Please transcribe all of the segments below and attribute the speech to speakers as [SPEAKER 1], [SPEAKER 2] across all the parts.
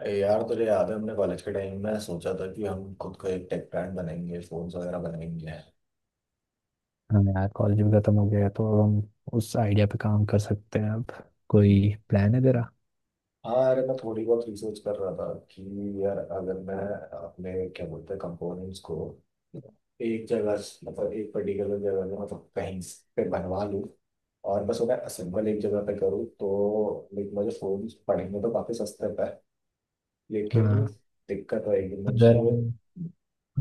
[SPEAKER 1] अरे यार, तुझे याद है हमने कॉलेज के टाइम में सोचा था कि हम खुद का एक टेक ब्रांड बनाएंगे, फोन्स वगैरह बनाएंगे।
[SPEAKER 2] हाँ यार, कॉलेज भी खत्म हो गया है तो अब हम उस आइडिया पे काम कर सकते हैं। अब कोई प्लान है तेरा?
[SPEAKER 1] हाँ, अरे मैं थोड़ी बहुत रिसर्च कर रहा था कि यार, अगर मैं अपने क्या बोलते हैं कंपोनेंट्स को एक जगह से- मतलब एक पर्टिकुलर जगह में, मतलब कहीं से बनवा लूँ और बस उन्हें असेंबल एक जगह पे करूँ, तो लाइक मुझे फोन पड़ेंगे तो काफ़ी सस्ते पे। लेकिन
[SPEAKER 2] हाँ,
[SPEAKER 1] दिक्कत रहेगी मुझे।
[SPEAKER 2] अगर हम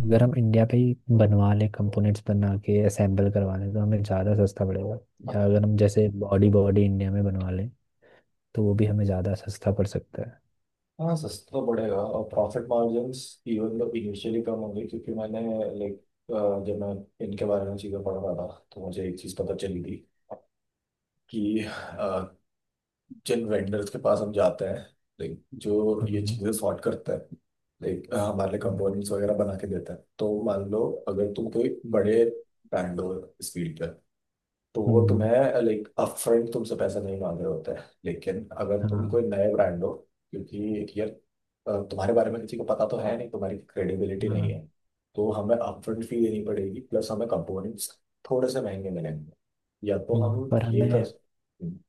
[SPEAKER 2] अगर हम इंडिया पे ही बनवा लें, कंपोनेंट्स बना के असेंबल करवा लें तो हमें ज़्यादा सस्ता पड़ेगा। या अगर हम जैसे बॉडी बॉडी इंडिया में बनवा लें तो वो भी हमें ज़्यादा सस्ता पड़ सकता है।
[SPEAKER 1] हाँ, सस्ता तो पड़ेगा और प्रॉफिट मार्जिन्स इवन तो इनिशियली कम होंगे, क्योंकि मैंने, लाइक, जब मैं इनके बारे में चीज़ें पढ़ रहा था तो मुझे एक चीज़ पता चली थी कि अ, जिन वेंडर्स के पास हम जाते हैं, लाइक जो ये
[SPEAKER 2] हाँ।
[SPEAKER 1] चीज़ें सॉर्ट करते हैं, लाइक हमारे लिए
[SPEAKER 2] हम्म।
[SPEAKER 1] कंपोनेंट्स वगैरह बना के देते हैं, तो मान लो अगर तुम कोई बड़े ब्रांड हो इस फील्ड, तो वो
[SPEAKER 2] हम्म।
[SPEAKER 1] तुम्हें लाइक अपफ्रंट तुमसे पैसा नहीं मांग रहे होते हैं। लेकिन अगर तुम
[SPEAKER 2] हाँ।
[SPEAKER 1] कोई नए ब्रांड हो, क्योंकि यार तुम्हारे बारे में किसी को पता तो है नहीं, तुम्हारी क्रेडिबिलिटी नहीं
[SPEAKER 2] हाँ।
[SPEAKER 1] है, तो हमें अपफ्रंट फी देनी पड़ेगी, प्लस हमें कंपोनेंट्स थोड़े से महंगे मिलेंगे। या तो हम
[SPEAKER 2] हम्म, पर
[SPEAKER 1] ये कर
[SPEAKER 2] हमें
[SPEAKER 1] सकते हैं।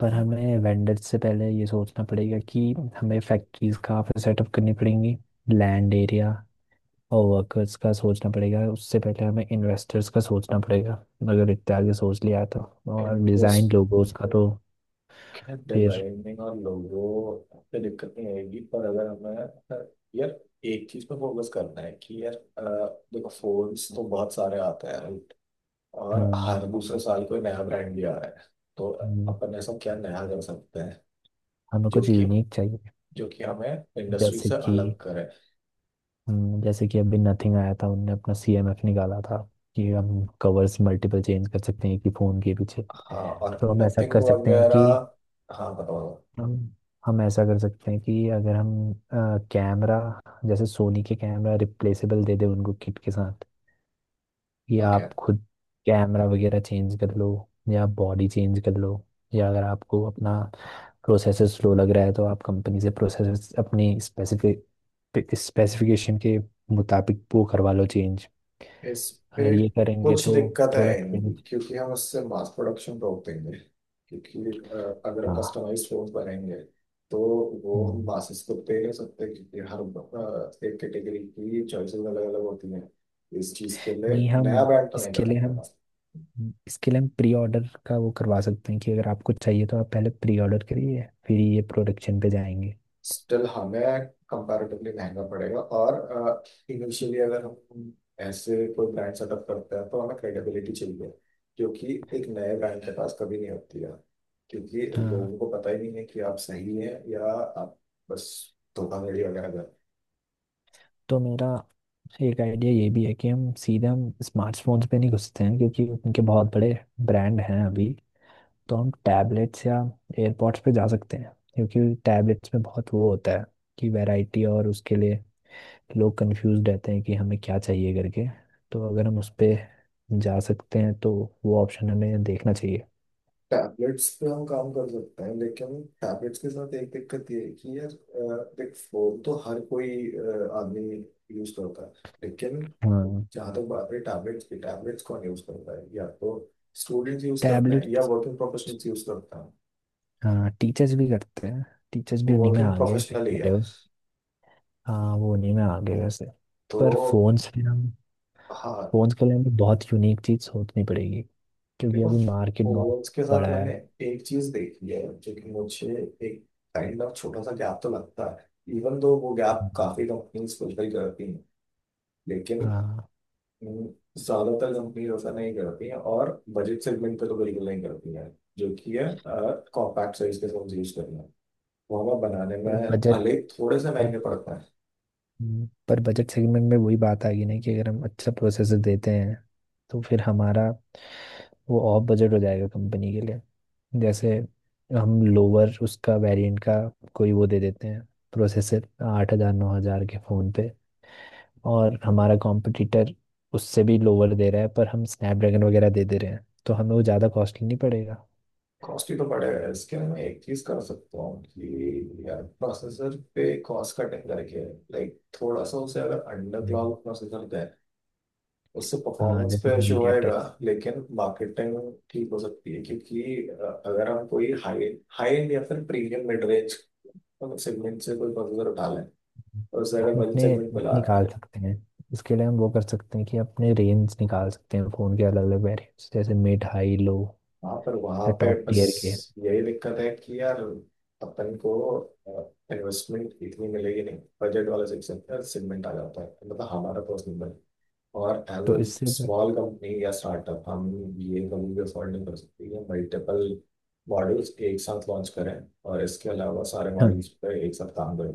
[SPEAKER 2] पर हमें वेंडर्स से पहले ये सोचना पड़ेगा कि हमें फैक्ट्रीज कहाँ पे सेटअप करनी पड़ेंगी, लैंड एरिया और वर्कर्स का सोचना पड़ेगा। उससे पहले हमें इन्वेस्टर्स का सोचना पड़ेगा, अगर इतने आगे सोच लिया तो। और डिज़ाइन
[SPEAKER 1] इन्वेस्ट,
[SPEAKER 2] लोगोस का तो फिर
[SPEAKER 1] डिजाइनिंग और लोगो पे दिक्कत नहीं आएगी, पर अगर हमें, अ, यार, एक चीज पे फोकस करना है कि यार, देखो, फोन्स तो बहुत सारे आते हैं और
[SPEAKER 2] हम्म।
[SPEAKER 1] हर दूसरे साल कोई नया ब्रांड भी आ रहा है। तो अपन ऐसा क्या नया कर सकते हैं
[SPEAKER 2] हमें
[SPEAKER 1] जो
[SPEAKER 2] कुछ
[SPEAKER 1] कि,
[SPEAKER 2] यूनिक चाहिए।
[SPEAKER 1] जो कि हमें इंडस्ट्री
[SPEAKER 2] जैसे
[SPEAKER 1] से
[SPEAKER 2] कि
[SPEAKER 1] अलग करे।
[SPEAKER 2] जैसे कि अभी नथिंग आया था, उनने अपना सीएमएफ निकाला था कि हम कवर्स मल्टीपल चेंज कर सकते हैं, कि फ़ोन के पीछे।
[SPEAKER 1] हाँ, और
[SPEAKER 2] तो हम ऐसा
[SPEAKER 1] नथिंग
[SPEAKER 2] कर सकते हैं
[SPEAKER 1] वगैरह।
[SPEAKER 2] कि
[SPEAKER 1] हाँ, बताओ।
[SPEAKER 2] हम हम ऐसा कर सकते हैं कि अगर हम कैमरा, जैसे सोनी के कैमरा रिप्लेसेबल दे दे उनको किट के साथ, कि
[SPEAKER 1] ओके।
[SPEAKER 2] आप खुद कैमरा वगैरह चेंज कर लो या बॉडी चेंज कर लो। या अगर आपको अपना प्रोसेसर स्लो लग रहा है तो आप कंपनी से प्रोसेसर अपनी स्पेसिफिक स्पेसिफिकेशन के मुताबिक वो करवा लो चेंज।
[SPEAKER 1] इस पे
[SPEAKER 2] अगर ये करेंगे
[SPEAKER 1] कुछ
[SPEAKER 2] तो
[SPEAKER 1] दिक्कतें
[SPEAKER 2] थोड़ा
[SPEAKER 1] आएंगी,
[SPEAKER 2] क्रिंज।
[SPEAKER 1] क्योंकि हम उससे मास प्रोडक्शन रोक देंगे। क्योंकि अगर
[SPEAKER 2] हाँ।
[SPEAKER 1] कस्टमाइज फोन बनाएंगे, तो वो हम
[SPEAKER 2] हम्म।
[SPEAKER 1] मासेस को दे नहीं सकते, क्योंकि हर एक कैटेगरी की चॉइसेस अलग अलग होती हैं। इस चीज के लिए
[SPEAKER 2] नहीं
[SPEAKER 1] नया
[SPEAKER 2] हम,
[SPEAKER 1] ब्रांड तो नहीं कर
[SPEAKER 2] इसके लिए
[SPEAKER 1] सकते।
[SPEAKER 2] हम इसके लिए हम प्री ऑर्डर का वो करवा सकते हैं कि अगर आपको चाहिए तो आप पहले प्री ऑर्डर करिए, फिर ये प्रोडक्शन पे जाएंगे।
[SPEAKER 1] स्टिल हमें कंपैरेटिवली महंगा पड़ेगा, और इनिशियली अगर हम ऐसे कोई ब्रांड सेटअप करते हैं, तो हमें क्रेडिबिलिटी चाहिए। क्योंकि एक नए ब्रांड के पास कभी नहीं होती है, क्योंकि
[SPEAKER 2] हाँ।
[SPEAKER 1] लोगों को पता ही नहीं है कि आप सही हैं या आप बस धोखाधड़ी वगैरह कर।
[SPEAKER 2] तो मेरा एक आइडिया ये भी है कि हम सीधे हम स्मार्टफोन्स पे नहीं घुसते हैं, क्योंकि उनके बहुत बड़े ब्रांड हैं अभी। तो हम टैबलेट्स या एयरपॉड्स पे जा सकते हैं, क्योंकि टैबलेट्स में बहुत वो होता है कि वैरायटी, और उसके लिए लोग कंफ्यूज रहते हैं कि हमें क्या चाहिए करके। तो अगर हम उस पे जा सकते हैं तो वो ऑप्शन हमें देखना चाहिए।
[SPEAKER 1] टैबलेट्स पे हम काम कर सकते हैं, लेकिन टैबलेट्स के साथ एक दिक्कत ये है कि यार, देख, फोन तो हर कोई आदमी यूज करता है। लेकिन
[SPEAKER 2] हाँ।
[SPEAKER 1] जहाँ तक बात है टैबलेट्स की, टैबलेट्स कौन यूज करता है? या तो स्टूडेंट्स यूज करते हैं या
[SPEAKER 2] टैबलेट्स,
[SPEAKER 1] वर्किंग प्रोफेशनल्स यूज करते हैं।
[SPEAKER 2] हाँ टीचर्स भी करते हैं। टीचर्स भी उन्हीं में
[SPEAKER 1] वर्किंग
[SPEAKER 2] आ गए, सही
[SPEAKER 1] प्रोफेशनल ही
[SPEAKER 2] कह
[SPEAKER 1] है।
[SPEAKER 2] रहे हो। हाँ वो नहीं, मैं आगे वैसे।
[SPEAKER 1] तो
[SPEAKER 2] पर फोन्स पे हम,
[SPEAKER 1] हाँ,
[SPEAKER 2] फोन्स के लिए हमें बहुत यूनिक चीज सोचनी पड़ेगी, क्योंकि
[SPEAKER 1] देखो
[SPEAKER 2] अभी मार्केट बहुत
[SPEAKER 1] फोर्स के साथ
[SPEAKER 2] बड़ा है।
[SPEAKER 1] मैंने एक चीज देखी है जो कि मुझे एक काइंड ऑफ छोटा सा गैप तो लगता है, इवन दो वो गैप
[SPEAKER 2] हम्म।
[SPEAKER 1] काफी कंपनीज फुलफिल करती हैं। लेकिन
[SPEAKER 2] हाँ।
[SPEAKER 1] हम्म, ज्यादातर कंपनीज ऐसा नहीं करती हैं, और बजट सेगमेंट पे तो बिल्कुल नहीं करती हैं। जो कि है, कॉम्पैक्ट साइज के फोन यूज करना, वावा बनाने में
[SPEAKER 2] पर बजट,
[SPEAKER 1] भले ही थोड़े से
[SPEAKER 2] पर
[SPEAKER 1] महंगे पड़ते हैं।
[SPEAKER 2] पर बजट सेगमेंट में वही बात आ गई ना, कि अगर हम अच्छा प्रोसेसर देते हैं तो फिर हमारा वो ऑफ बजट हो जाएगा कंपनी के लिए। जैसे हम लोअर उसका वेरिएंट का कोई वो दे देते हैं, प्रोसेसर 8 हज़ार 9 हज़ार के फोन पे, और हमारा कॉम्पिटिटर उससे भी लोअर दे रहा है पर हम स्नैपड्रैगन वगैरह दे दे रहे हैं तो हमें वो ज़्यादा कॉस्टली नहीं पड़ेगा।
[SPEAKER 1] कॉस्टली तो पड़ेगा। इसके लिए मैं एक चीज कर सकता हूँ कि यार प्रोसेसर पे कॉस्ट कटिंग करके, लाइक थोड़ा सा उसे अगर अंडर
[SPEAKER 2] हम्म।
[SPEAKER 1] क्लाउड प्रोसेसर दें, उससे
[SPEAKER 2] हाँ
[SPEAKER 1] परफॉर्मेंस
[SPEAKER 2] जैसे
[SPEAKER 1] पे इशू
[SPEAKER 2] मीडिया
[SPEAKER 1] होएगा।
[SPEAKER 2] टेक।
[SPEAKER 1] लेकिन मार्केटिंग ठीक हो सकती है, क्योंकि अगर हम कोई हाई, हाई एंड या फिर प्रीमियम मिड रेंज सेगमेंट से कोई प्रोसेसर उठा लें और उसे अगर
[SPEAKER 2] हम
[SPEAKER 1] बजट
[SPEAKER 2] अपने
[SPEAKER 1] सेगमेंट पे
[SPEAKER 2] वो
[SPEAKER 1] ला रहे हैं।
[SPEAKER 2] निकाल सकते हैं। इसके लिए हम वो कर सकते हैं कि अपने रेंज निकाल सकते हैं, फ़ोन के अलग अलग वेरिएंट्स, जैसे मिड, हाई, लो
[SPEAKER 1] हाँ, पर वहां
[SPEAKER 2] या
[SPEAKER 1] पे
[SPEAKER 2] टॉप
[SPEAKER 1] बस
[SPEAKER 2] टियर के।
[SPEAKER 1] यही दिक्कत है कि यार, अपन को इन्वेस्टमेंट इतनी मिलेगी नहीं, बजट वाला सेक्शन सेगमेंट आ जाता है, मतलब हमारा पर्सनल बजट। और एज
[SPEAKER 2] तो
[SPEAKER 1] अ
[SPEAKER 2] इससे,
[SPEAKER 1] स्मॉल कंपनी या स्टार्टअप हम ये कभी भी अफोर्ड नहीं कर सकते, ये मल्टीपल मॉड्यूल्स एक साथ लॉन्च करें और इसके अलावा सारे
[SPEAKER 2] हाँ
[SPEAKER 1] मॉड्यूल्स पे एक साथ काम करें।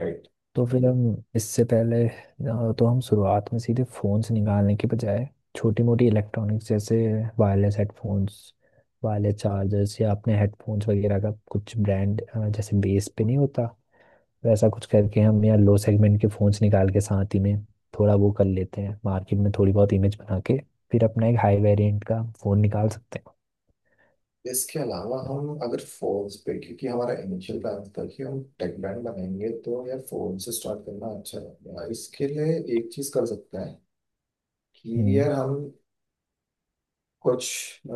[SPEAKER 1] राइट।
[SPEAKER 2] तो फिर हम, इससे पहले तो हम शुरुआत में सीधे फ़ोन्स निकालने के बजाय छोटी मोटी इलेक्ट्रॉनिक्स, जैसे वायरलेस हेडफोन्स, वायरलेस चार्जर्स, या अपने हेडफोन्स वगैरह का कुछ ब्रांड, जैसे बेस पे नहीं होता वैसा कुछ करके, हम या लो सेगमेंट के फ़ोन्स निकाल के साथ ही में थोड़ा वो कर लेते हैं, मार्केट में थोड़ी बहुत इमेज बना के। फिर अपना एक हाई वेरिएंट का फ़ोन निकाल सकते हैं।
[SPEAKER 1] इसके अलावा हम अगर फोन्स पे, क्योंकि हमारा इनिशियल प्लान था कि हम टेक ब्रांड बनाएंगे, तो यार फोन से स्टार्ट करना अच्छा रहेगा। इसके लिए एक चीज कर सकते हैं कि
[SPEAKER 2] हम्म।
[SPEAKER 1] यार हम कुछ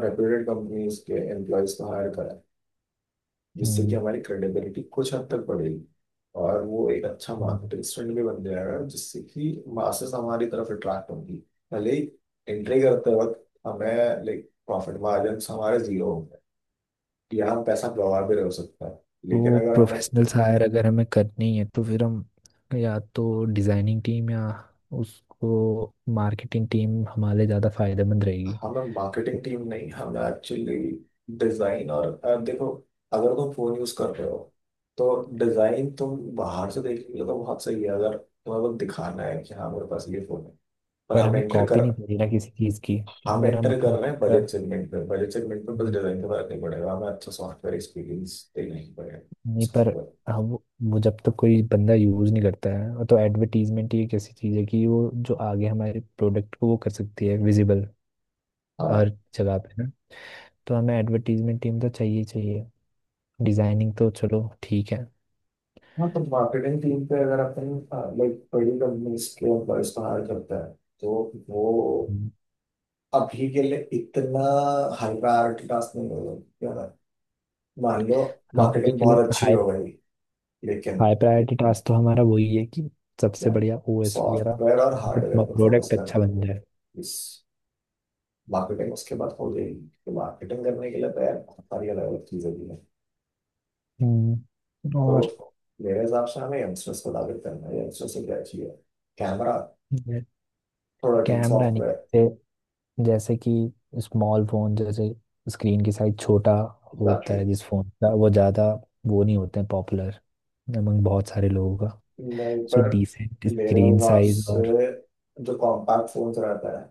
[SPEAKER 1] रेप्यूटेड कंपनीज के एम्प्लॉयज को हायर कराएं, जिससे कि
[SPEAKER 2] हम्म।
[SPEAKER 1] हमारी क्रेडिबिलिटी कुछ हद तक बढ़ेगी और वो एक अच्छा
[SPEAKER 2] हम्म।
[SPEAKER 1] मार्केटिंग स्टैंड भी बन जाएगा, जिससे कि मासेस हमारी तरफ अट्रैक्ट होंगी। भले एंट्री करते वक्त हमें लाइक प्रॉफिट मार्जिन हमारे जीरो होंगे, यहाँ पैसा गंवा भी हो सकता है। लेकिन
[SPEAKER 2] तो
[SPEAKER 1] अगर हमें,
[SPEAKER 2] प्रोफेशनल हायर अगर हमें करनी है तो फिर हम या तो डिज़ाइनिंग टीम या उसको मार्केटिंग टीम हमारे ज़्यादा फायदेमंद रहेगी।
[SPEAKER 1] हमें मार्केटिंग टीम नहीं, हमें एक्चुअली डिजाइन और देखो, अगर तुम फोन यूज कर रहे हो तो डिजाइन तुम बाहर से देख लो तो बहुत सही है, अगर तुम्हें बस दिखाना है कि हाँ मेरे पास ये फोन है। पर
[SPEAKER 2] पर
[SPEAKER 1] हम
[SPEAKER 2] हमें
[SPEAKER 1] एंटर
[SPEAKER 2] कॉपी
[SPEAKER 1] कर,
[SPEAKER 2] नहीं करनी ना किसी चीज़ की।
[SPEAKER 1] हम
[SPEAKER 2] अगर हम
[SPEAKER 1] एंटर
[SPEAKER 2] अपना
[SPEAKER 1] कर रहे
[SPEAKER 2] खुद
[SPEAKER 1] हैं
[SPEAKER 2] का,
[SPEAKER 1] बजट सेगमेंट में, बजट सेगमेंट में बस डिजाइन का फर्क नहीं पड़ेगा, हमें अच्छा सॉफ्टवेयर एक्सपीरियंस देना ही पड़ेगा।
[SPEAKER 2] नहीं पर
[SPEAKER 1] सॉफ्टवेयर।
[SPEAKER 2] हम, वो जब तक कोई बंदा यूज़ नहीं करता है, और तो एडवर्टीजमेंट ही एक ऐसी चीज़ है कि वो जो आगे हमारे प्रोडक्ट को वो कर सकती है, विजिबल हर जगह पे ना। तो हमें एडवर्टीजमेंट टीम तो चाहिए ही चाहिए। डिज़ाइनिंग तो चलो ठीक है।
[SPEAKER 1] हाँ, तो मार्केटिंग टीम पे अगर अपन लाइक बड़ी कंपनीज के एम्प्लॉयज को हायर करता है, तो वो
[SPEAKER 2] हम्म।
[SPEAKER 1] अभी के लिए इतना हाई प्रायोरिटी टास्क नहीं होगा क्या ना? मान लो
[SPEAKER 2] हाँ
[SPEAKER 1] मार्केटिंग
[SPEAKER 2] के लिए,
[SPEAKER 1] बहुत अच्छी
[SPEAKER 2] हाई,
[SPEAKER 1] हो गई, लेकिन
[SPEAKER 2] हाई प्रायोरिटी टास्क तो हमारा वही है कि सबसे
[SPEAKER 1] क्या?
[SPEAKER 2] बढ़िया ओएस
[SPEAKER 1] सॉफ्टवेयर और हार्डवेयर
[SPEAKER 2] वगैरह,
[SPEAKER 1] पर फोकस
[SPEAKER 2] प्रोडक्ट
[SPEAKER 1] करना
[SPEAKER 2] अच्छा
[SPEAKER 1] है।
[SPEAKER 2] बन जाए।
[SPEAKER 1] इस, मार्केटिंग उसके बाद हो जाएगी, तो मार्केटिंग करने के लिए तो यार बहुत सारी अलग अलग चीज़ें भी हैं।
[SPEAKER 2] हम्म।
[SPEAKER 1] तो
[SPEAKER 2] और
[SPEAKER 1] मेरे हिसाब से हमें यंगस्टर्स को टारगेट करना है। यंगस्टर्स से क्या चाहिए? कैमरा, थोड़ा ठीक
[SPEAKER 2] कैमरा नहीं,
[SPEAKER 1] सॉफ्टवेयर।
[SPEAKER 2] जैसे, जैसे कि स्मॉल फोन, जैसे स्क्रीन की साइज छोटा होता है जिस फोन का, वो ज़्यादा वो नहीं होते हैं पॉपुलर अमंग बहुत सारे लोगों का।
[SPEAKER 1] नहीं,
[SPEAKER 2] सो
[SPEAKER 1] पर
[SPEAKER 2] डिसेंट
[SPEAKER 1] मेरे
[SPEAKER 2] स्क्रीन
[SPEAKER 1] हिसाब
[SPEAKER 2] साइज और,
[SPEAKER 1] से जो कॉम्पैक्ट फोन्स रहता है,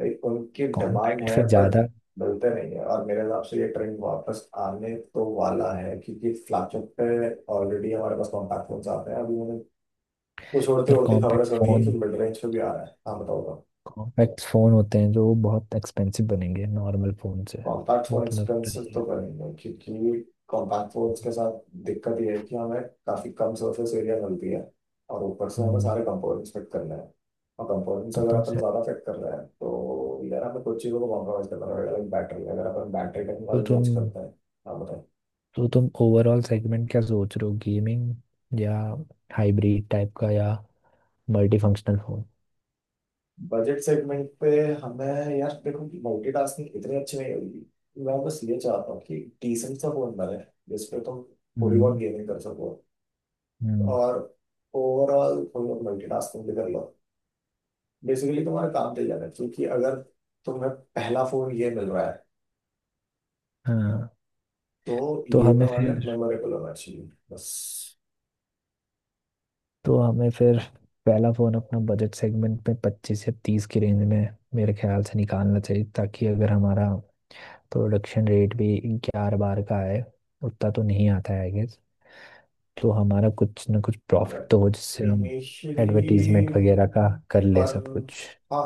[SPEAKER 1] लाइक उनकी डिमांड
[SPEAKER 2] कॉम्पैक्ट
[SPEAKER 1] है,
[SPEAKER 2] फिर
[SPEAKER 1] बट
[SPEAKER 2] ज़्यादा,
[SPEAKER 1] मिलते नहीं है। और मेरे हिसाब से ये ट्रेंड वापस आने तो वाला है, क्योंकि फ्लैगशिप पे ऑलरेडी हमारे पास कॉम्पैक्ट फोन्स आते हैं। अभी मैंने कुछ उड़ते
[SPEAKER 2] पर
[SPEAKER 1] उड़ते खबरें
[SPEAKER 2] कॉम्पैक्ट
[SPEAKER 1] सुनी है कि
[SPEAKER 2] फ़ोन
[SPEAKER 1] मिड रेंज पे भी आ रहा है। हाँ, बताओ।
[SPEAKER 2] कॉम्पैक्ट फ़ोन होते हैं जो बहुत एक्सपेंसिव बनेंगे नॉर्मल फ़ोन से।
[SPEAKER 1] कॉन्टैक्ट
[SPEAKER 2] वो
[SPEAKER 1] और
[SPEAKER 2] तुम्हें पता
[SPEAKER 1] एक्सपेंसिव
[SPEAKER 2] ही
[SPEAKER 1] तो करेंगे, क्योंकि कॉन्टैक्ट फोन्स के साथ दिक्कत ये है कि हमें काफ़ी कम सरफेस एरिया मिलती है, और ऊपर से
[SPEAKER 2] है।
[SPEAKER 1] हमें सारे कंपोनेंट्स फिट करने हैं। और कंपोनेंट्स
[SPEAKER 2] तो
[SPEAKER 1] अगर
[SPEAKER 2] तुम
[SPEAKER 1] अपन
[SPEAKER 2] से,
[SPEAKER 1] ज़्यादा फिट कर रहे हैं, तो यार हमें कुछ चीज़ों को कॉम्प्रोमाइज़ करना पड़ेगा, लाइक बैटरी, अगर अपन बैटरी
[SPEAKER 2] तो
[SPEAKER 1] टेक्नोलॉजी
[SPEAKER 2] तुम
[SPEAKER 1] चेंज करते हैं। हाँ, बताएं।
[SPEAKER 2] तो तुम ओवरऑल सेगमेंट क्या सोच रहे हो, गेमिंग या हाइब्रिड टाइप का, या multi functional phone?
[SPEAKER 1] Budget segment पे हमें, यार देखो कि मल्टीटास्किंग इतनी अच्छी नहीं होगी। मैं बस ये चाहता हूँ कि डिसेंट सा फोन बने जिसपे तुम थोड़ी बहुत
[SPEAKER 2] हम्म।
[SPEAKER 1] गेमिंग कर सको
[SPEAKER 2] हम्म।
[SPEAKER 1] और ओवरऑल तुम लोग मल्टीटास्किंग भी कर लो। बेसिकली तुम्हारा काम चल जाएगा, क्योंकि अगर तुम्हें पहला फोन ये मिल रहा है,
[SPEAKER 2] हाँ।
[SPEAKER 1] तो
[SPEAKER 2] तो
[SPEAKER 1] ये
[SPEAKER 2] हमें
[SPEAKER 1] तुम्हारे लिए
[SPEAKER 2] फिर
[SPEAKER 1] मेमोरेबल होना चाहिए, बस।
[SPEAKER 2] तो हमें फिर पहला फोन अपना बजट सेगमेंट में 25 से 30 की रेंज में मेरे ख्याल से निकालना चाहिए, ताकि अगर हमारा प्रोडक्शन रेट भी 11 12 का है, उतना तो नहीं आता है आई गेस, तो हमारा कुछ ना कुछ
[SPEAKER 1] हाँ
[SPEAKER 2] प्रॉफिट तो हो जिससे
[SPEAKER 1] भाई,
[SPEAKER 2] हम एडवर्टीजमेंट
[SPEAKER 1] इनिशियली,
[SPEAKER 2] वगैरह का कर ले
[SPEAKER 1] पर
[SPEAKER 2] सब कुछ।
[SPEAKER 1] हाँ,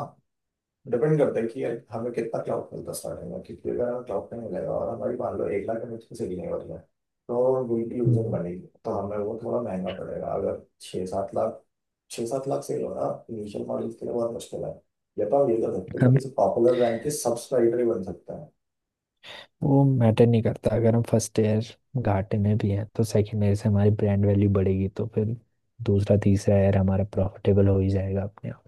[SPEAKER 1] डिपेंड करता है कि हमें कितना क्लाउड मिलता है स्टार्टिंग में, क्योंकि अगर हमें क्लाउड नहीं मिलेगा और हमारी मान लो 1,00,000 में मुझको से भी नहीं बढ़ रहा है, तो विल की यूजर
[SPEAKER 2] हम्म।
[SPEAKER 1] बनेगी। तो हमें वो थोड़ा महंगा पड़ेगा। अगर 6-7 लाख, 6-7 लाख से होना इनिशियल मॉडल्स के लिए बहुत मुश्किल है। या तो आप ये कर सकते हैं कि
[SPEAKER 2] हम,
[SPEAKER 1] किसी पॉपुलर ब्रांड के सब्सक्राइबर ही बन सकते हैं।
[SPEAKER 2] वो मैटर नहीं करता अगर हम फर्स्ट ईयर घाटे में भी हैं, तो सेकेंड ईयर से हमारी ब्रांड वैल्यू बढ़ेगी, तो फिर दूसरा तीसरा ईयर हमारा प्रॉफिटेबल हो ही जाएगा अपने आप।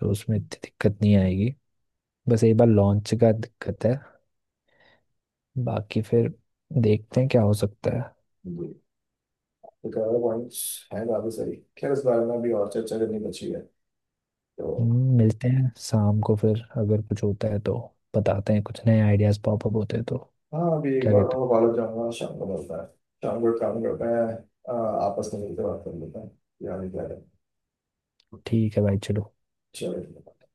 [SPEAKER 2] तो उसमें इतनी दिक्कत नहीं आएगी। बस एक बार लॉन्च का दिक्कत है। बाकी फिर देखते हैं क्या हो सकता है।
[SPEAKER 1] जी, तो कलर पॉइंट्स हैं काफ़ी सारी। खैर, इस बारे में भी और चर्चा करनी बची है। तो
[SPEAKER 2] मिलते हैं शाम को फिर। अगर कुछ होता है तो बताते हैं, कुछ नए आइडियाज पॉपअप होते हैं तो।
[SPEAKER 1] हाँ, अभी एक
[SPEAKER 2] क्या
[SPEAKER 1] बार
[SPEAKER 2] कहते
[SPEAKER 1] मैं
[SPEAKER 2] हो?
[SPEAKER 1] कॉलेज जाऊँगा, शाम को मिलता है। शाम को एक काम करते हैं, अ, आपस में मिलकर बात कर लेते हैं। यार क्या है।
[SPEAKER 2] ठीक है भाई, चलो।
[SPEAKER 1] चेले देपा.